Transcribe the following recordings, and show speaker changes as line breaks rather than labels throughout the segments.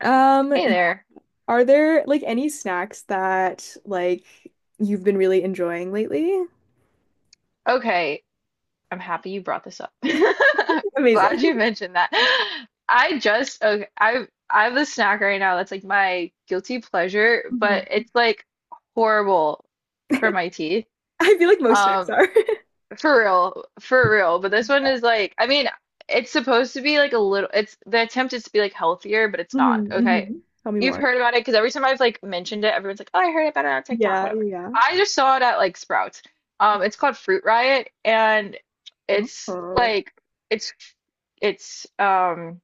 Um,
Hey there.
are there like any snacks that like you've been really enjoying lately?
Okay, I'm happy you brought this up.
Amazing.
Glad you mentioned that. I just okay, I have a snack right now that's like my guilty pleasure, but
Mhm.
it's like horrible for my teeth.
I feel like most snacks
Um,
are.
For real, for real. But this one is like, I mean, it's supposed to be like a little, it's the attempt is to be like healthier, but it's not.
Mhm,
Okay.
mhm. Tell me
You've
more.
heard about it because every time I've like mentioned it, everyone's like, oh, I heard about it on TikTok,
Yeah, yeah,
whatever.
yeah.
I just saw it at like Sprouts. It's called Fruit Riot and it's
Oh,
like, it's, it's, um,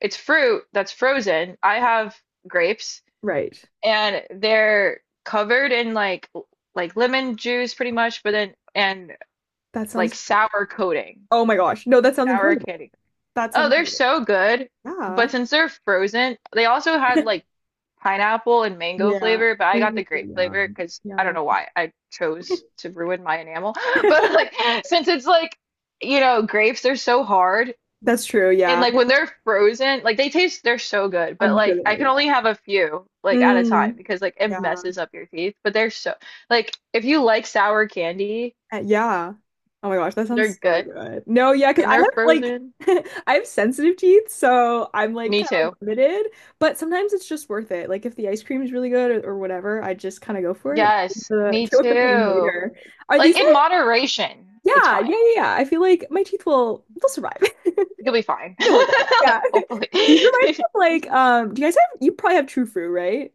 it's fruit that's frozen. I have grapes
right.
and they're covered in like, like lemon juice pretty much, but then, and
That
like
sounds,
sour coating,
oh my gosh. No, that sounds
sour
incredible.
candy.
That sounds
Oh, they're
incredible.
so good.
Yeah.
But since they're frozen, they also had like pineapple and mango
Yeah.
flavor, but I got the
Ooh,
grape
yeah,
flavor because I don't
yum.
know why I chose to ruin my enamel. But like, since it's like, you know, grapes, they're so hard.
That's true.
And
Yeah.
like when they're frozen, like they taste, they're so good. But
I'm sure
like
they
I
are.
can
Yeah.
only have a few like at a time
Mm.
because like it
Yeah.
messes up your teeth. But they're so like if you like sour candy,
Yeah. Oh my gosh, that
they're
sounds so
good
good. No, yeah, because
and
I
they're
have like
frozen.
I have sensitive teeth, so I'm like
Me
kind of
too.
limited, but sometimes it's just worth it. Like if the ice cream is really good or whatever, I just kind of go for it.
Yes, me
Deal with the pain
too.
later. Are
Like
these
in
like
moderation, it's
yeah, yeah,
fine.
yeah, yeah. I feel like my teeth will they'll survive.
You'll be fine.
It'll work out. Yeah.
Hopefully.
These remind me of like do you guys have you probably have True Fruit, right?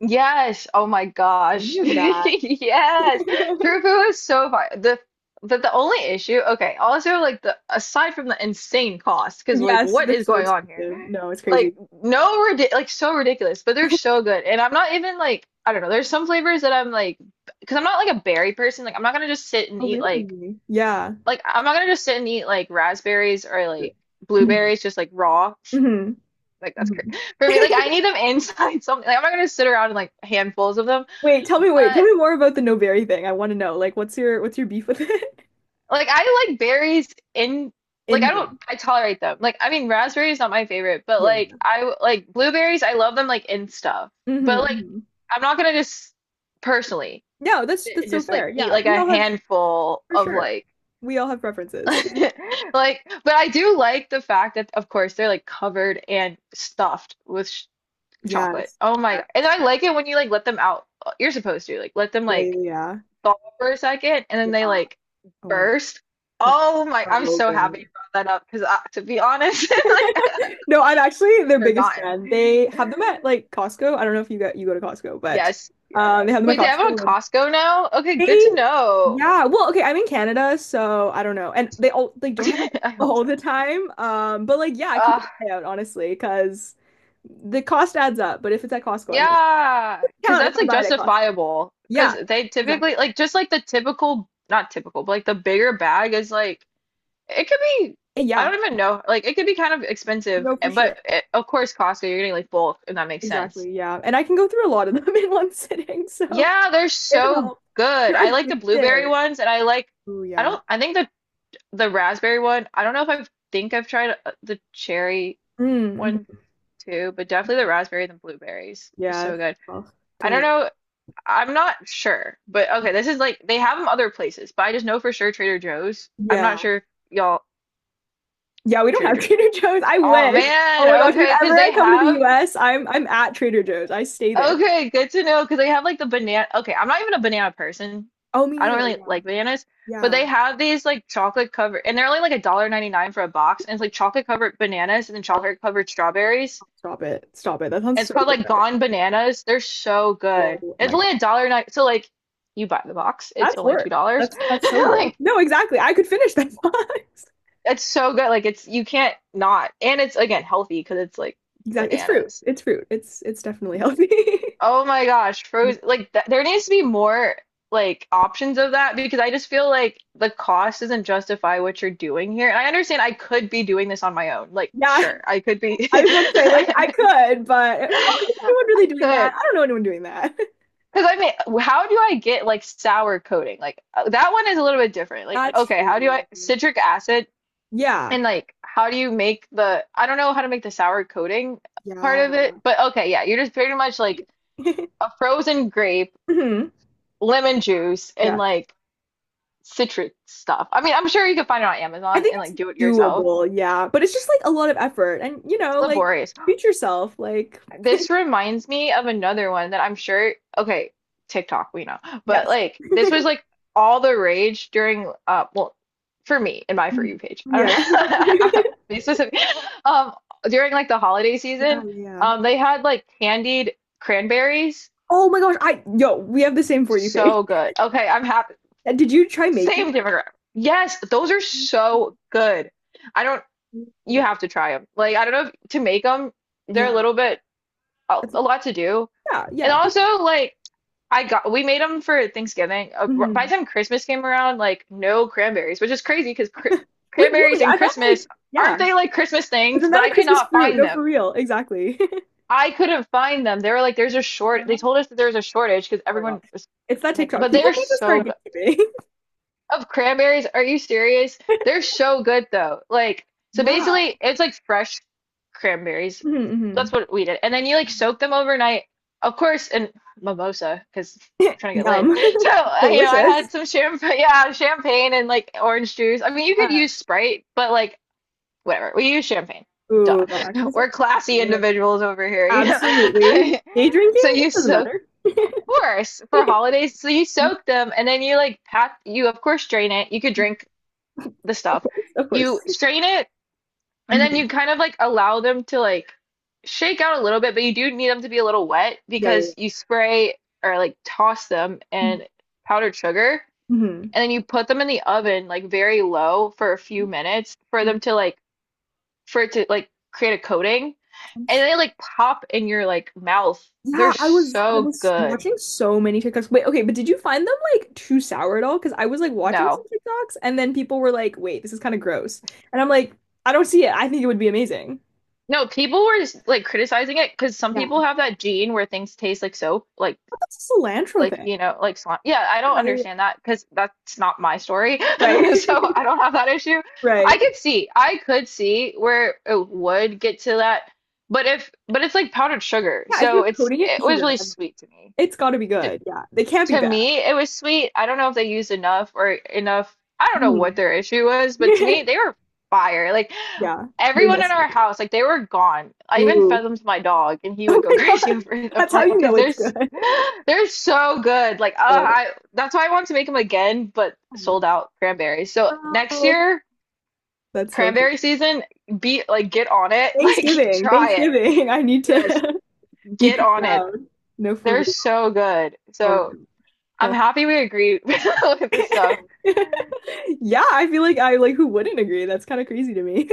Yes. Oh my
Reminds me
gosh.
of
Yes.
that.
True food is so fine. The But the only issue, okay, also like the aside from the insane cost, because like
Yes,
what
they're
is
so
going on here?
expensive. No, it's
Like
crazy.
no ridic like so ridiculous, but they're so good. And I'm not even like I don't know, there's some flavors that I'm like because I'm not like a berry person, like I'm not gonna just sit and
Oh,
eat
really? Yeah.
like I'm not gonna just sit and eat like raspberries or like
Mhm.
blueberries just like raw.
Mhm.
Like that's
Mhm.
crazy for me. Like I need them inside something. Like I'm not gonna sit around and like handfuls of them.
Wait, tell
But
me more about the no berry thing. I want to know, like, what's your beef with it?
like I like berries in like I don't
In
I tolerate them. Like I mean raspberries not my favorite, but
yeah,
like
yeah.
I like blueberries I love them like in stuff.
Hmm,
But like
hmm.
I'm not gonna just personally
No,
sit
that's
and
so
just like
fair.
eat
Yeah,
like
we
a
all have
handful
for
of
sure.
like
We all have preferences.
Like, but I do like the fact that, of course, they're like covered and stuffed with sh chocolate.
Yes.
Oh my
Yes.
God. And I like it when you like let them out. You're supposed to like let them
Yeah, yeah,
like
yeah.
thaw for a second and then they
Yeah.
like
Oh my God,
burst.
that's
Oh my, I'm
so
so happy you
good.
brought that up because I, to be honest, like I've
No, I'm actually their biggest fan.
forgotten.
They have them at like Costco. I don't know if you go to Costco, but
Yes, yes.
they have them at
Wait, they have it on
Costco.
Costco now? Okay,
They,
good to know.
yeah. Well, okay, I'm in Canada, so I don't know. And they don't have it
I hope
all the time. But like yeah, keep
so.
an eye out, honestly, because the cost adds up. But if it's at Costco, I might
Yeah, because
count if
that's
I
like
buy it at Costco.
justifiable.
Yeah,
Because they
exactly.
typically like just like the typical, not typical, but like the bigger bag is like it could be.
Eh,
I
yeah.
don't even know. Like it could be kind of expensive,
No,
eh,
for
but
sure.
it, of course Costco, you're getting like bulk, and that makes sense.
Exactly. Yeah. And I can go through a lot of them in one sitting, so
Yeah, they're
it
so
helps.
good.
They're
I like the blueberry
addictive.
ones, and I like.
Oh
I
yeah.
don't. I think the raspberry one. I don't know if I think I've tried the cherry
Mm,
one
mm-hmm.
too, but definitely the raspberry and the blueberries is
Yeah.
so good.
Oh,
I don't
deli-
know I'm not sure, but okay, this is like they have them other places, but I just know for sure Trader Joe's. I'm
yeah.
not sure if y'all
Yeah, we don't
Trader
have
Joe's.
Trader Joe's. I
Oh
wish.
man,
Oh my gosh,
okay, because
whenever I
they
come to the
have
US, I'm at Trader Joe's. I stay there.
okay, good to know because they have like the banana. Okay, I'm not even a banana person.
Oh, me
I don't
neither.
really
Yeah.
like bananas, but
Yeah.
they have these like chocolate covered, and they're only like a dollar ninety nine for a box, and it's like chocolate covered bananas and then
Oh,
chocolate covered strawberries.
stop it. Stop it. That
And
sounds
it's
so
called like
good.
Gone Bananas. They're so
Oh
good. It's
my God.
only a dollar nine, so like you buy the box, it's
That's
only two
work.
dollars.
That's so work.
Like
No, exactly. I could finish that box.
it's so good. Like it's you can't not. And it's again healthy because it's like
Exactly. It's fruit.
bananas.
It's fruit. It's definitely healthy.
Oh my gosh, frozen. Like th there needs to be more like options of that because I just feel like the cost doesn't justify what you're doing here. And I understand I could be doing this on my own. Like
Yeah,
sure, I could be.
I was about to say, like, I could, but is
I
anyone really doing that?
could.
I don't know anyone doing that.
Because I mean, how do I get like sour coating? Like that one is a little bit different. Like
That's
okay, how do
true.
I citric acid?
Yeah.
And like, how do you make the, I don't know how to make the sour coating part of it,
Yeah.
but okay, yeah, you're just pretty much like a frozen grape,
Mhm.
lemon juice, and
Yeah.
like citrus stuff. I mean, I'm sure you could find it on
I
Amazon
think
and
it's
like do it yourself.
doable, yeah. But it's just like a lot of effort and you
It's
know, like
laborious.
treat yourself, like
This reminds me of another one that I'm sure, okay, TikTok, we know, but
yes.
like this was like all the rage during well for me in my For
Mhm.
You page. I
Yeah.
don't know. Be specific. Um During like the holiday
Yeah,
season,
yeah.
they had like candied cranberries.
Oh my gosh, I yo, we have the same for you face.
So good. Okay, I'm happy.
And did you try making?
Same demographic. Yes, those are so good. I don't you have to try them. Like I don't know if to make them, they're a
Yeah.
little bit a
That's-
a lot to do.
yeah,
And
yeah.
also, like, I got we made them for Thanksgiving. By
Mhm.
the time Christmas came around, like no cranberries, which is crazy because cr
Wait,
cranberries
really?
and
I thought
Christmas
like yeah.
aren't they like Christmas things?
Isn't
But
that a
I could
Christmas
not
fruit?
find
No, for
them.
real. Exactly.
I couldn't find them. They were like, there's a short. They
Yeah.
told us that there was a shortage because
Oh my god.
everyone was
It's
freaking
that
making.
TikTok.
But
People
they're
need to start
so
getting
good.
it.
Of cranberries? Are you serious? They're so good though. Like, so
Yeah.
basically it's like fresh cranberries. That's
Hmm.
what we did. And then you like soak them overnight. Of course, and mimosa, because we're trying to get lit.
Yum.
So, I
Delicious.
had some champagne, yeah, champagne and like orange juice. I mean, you could
Yeah.
use Sprite, but like whatever. We use champagne. Duh.
Ooh, that actually sounds
We're classy
incredible.
individuals over here, you know.
Absolutely. Day
So
drinking? It
you
doesn't
soak
matter.
Course, for holidays. So you
Yeah,
soak them and then you like pack, you of course drain it. You could drink the
of
stuff.
course, of course.
You strain it and then you
Mhm.
kind of like allow them to like shake out a little bit, but you do need them to be a little wet
Yeah, yeah,
because you spray or like toss them
yeah.
in powdered sugar
Mhm.
and then you put them in the oven like very low for a few minutes for them
Mhm.
to like for it to like create a coating and
Sounds-
they like pop in your like mouth.
yeah,
They're
I
so
was
good.
watching so many TikToks. Wait, okay, but did you find them like too sour at all? Because I was like watching some
No.
TikToks and then people were like, wait, this is kind of gross. And I'm like, I don't see it. I think it would be amazing.
No, people were just, like criticizing it because some
Yeah.
people have that gene where things taste like soap,
What's a cilantro
like
thing?
you know, like slime. Yeah, I don't
Yeah, yeah, yeah.
understand that because that's not my story,
Right.
so I don't have that issue. I
Right.
could see, I could see where it would get to that, but if but it's like powdered sugar,
Yeah, if you're
so it's
coating it
it
in
was
sugar,
really sweet to me.
it's got to be
To,
good. Yeah, they can't be
to
bad.
me, it was sweet. I don't know if they used enough or enough. I don't know what
Mhm.
their issue was, but to me, they were fire. Like
Yeah, they
everyone in
messed
our
it up.
house, like they were gone. I even
Ooh.
fed them to my dog, and he
Oh
would go
my
crazy
God.
over it. I'm
That's how
like,
you
because
know
they're
it's good.
s- they're so good. Like,
Oh my
I that's why I want to make them again, but
God.
sold out cranberries. So next
Oh,
year,
that's so funny.
cranberry season, be like get on it, like
Thanksgiving,
try it.
Thanksgiving. I need
Yes,
to beat
get
the
on it.
crowd. No, for
They're
real.
so good.
Oh my
So I'm
God.
happy we agree with this
Oh.
stuff.
Yeah, I feel like I like who wouldn't agree? That's kind of crazy to me.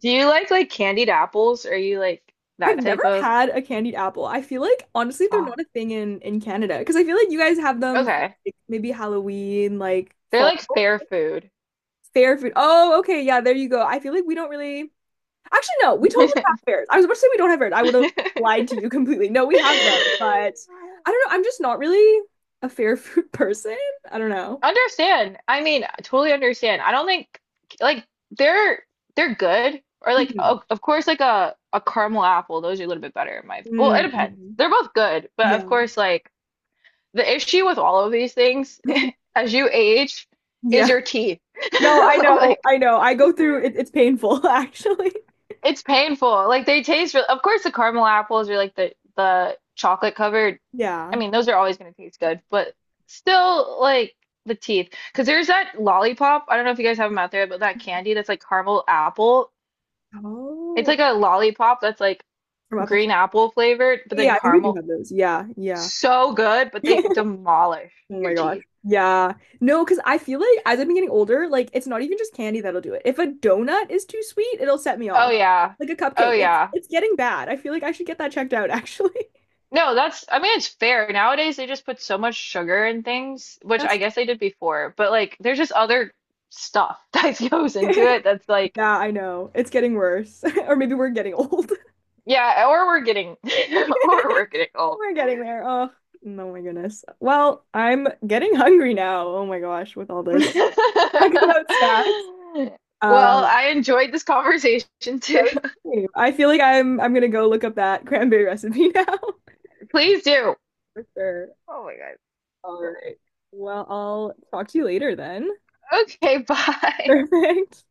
Do you like candied apples? Are you like
I've
that
never
type of?
had a candied apple. I feel like honestly they're
Oh,
not a thing in Canada because I feel like you guys have them for,
okay.
like, maybe Halloween, like
They're
fall.
like fair food.
Fair food. Oh, okay, yeah, there you go. I feel like we don't really. Actually, no, we totally have fairs. I was about to say we don't have fairs. I would have lied to you completely. No, we have them, but I don't know. I'm just not really a fair food person. I don't know.
Understand. I mean, totally understand. I don't think like they're they're good or like
Mhm.
o of course like a caramel apple, those are a little bit better in my well,
Mm,
it depends.
mhm.
They're both good, but of
Yeah.
course like the issue with all of these things as you age is
Yeah.
your teeth.
No, I know.
Like
I know. I go through it, it's painful, actually.
it's painful. Like they taste real of course the caramel apples or like the chocolate covered. I
Yeah.
mean, those are always going to taste good, but still like the teeth. Because there's that lollipop. I don't know if you guys have them out there, but that candy that's like caramel apple. It's
Oh,
like a lollipop that's like
from Apple.
green apple flavored, but then
Yeah, I think we do
caramel.
have those. Yeah, yeah.
So good, but they demolish
Oh
your
my gosh.
teeth.
Yeah. No, because I feel like as I've been getting older, like it's not even just candy that'll do it. If a donut is too sweet, it'll set me
Oh
off.
yeah.
Like a
Oh
cupcake.
yeah.
It's getting bad. I feel like I should get that checked out actually.
No, that's, I mean, it's fair. Nowadays, they just put so much sugar in things, which I
That's
guess they did before, but like, there's just other stuff that goes into it that's like,
yeah, I know. It's getting worse. Or maybe we're getting old.
yeah, or we're getting, or we're getting old.
We're getting there. Oh, no, my goodness. Well, I'm getting hungry now. Oh my gosh, with all this talk about snacks.
Well,
Um,
I enjoyed this conversation too.
that was cute. I feel like I'm gonna go look up that cranberry recipe now.
Please do.
For sure.
Oh my
All
God.
right. Well, I'll talk to you later then.
Okay, bye.
Perfect.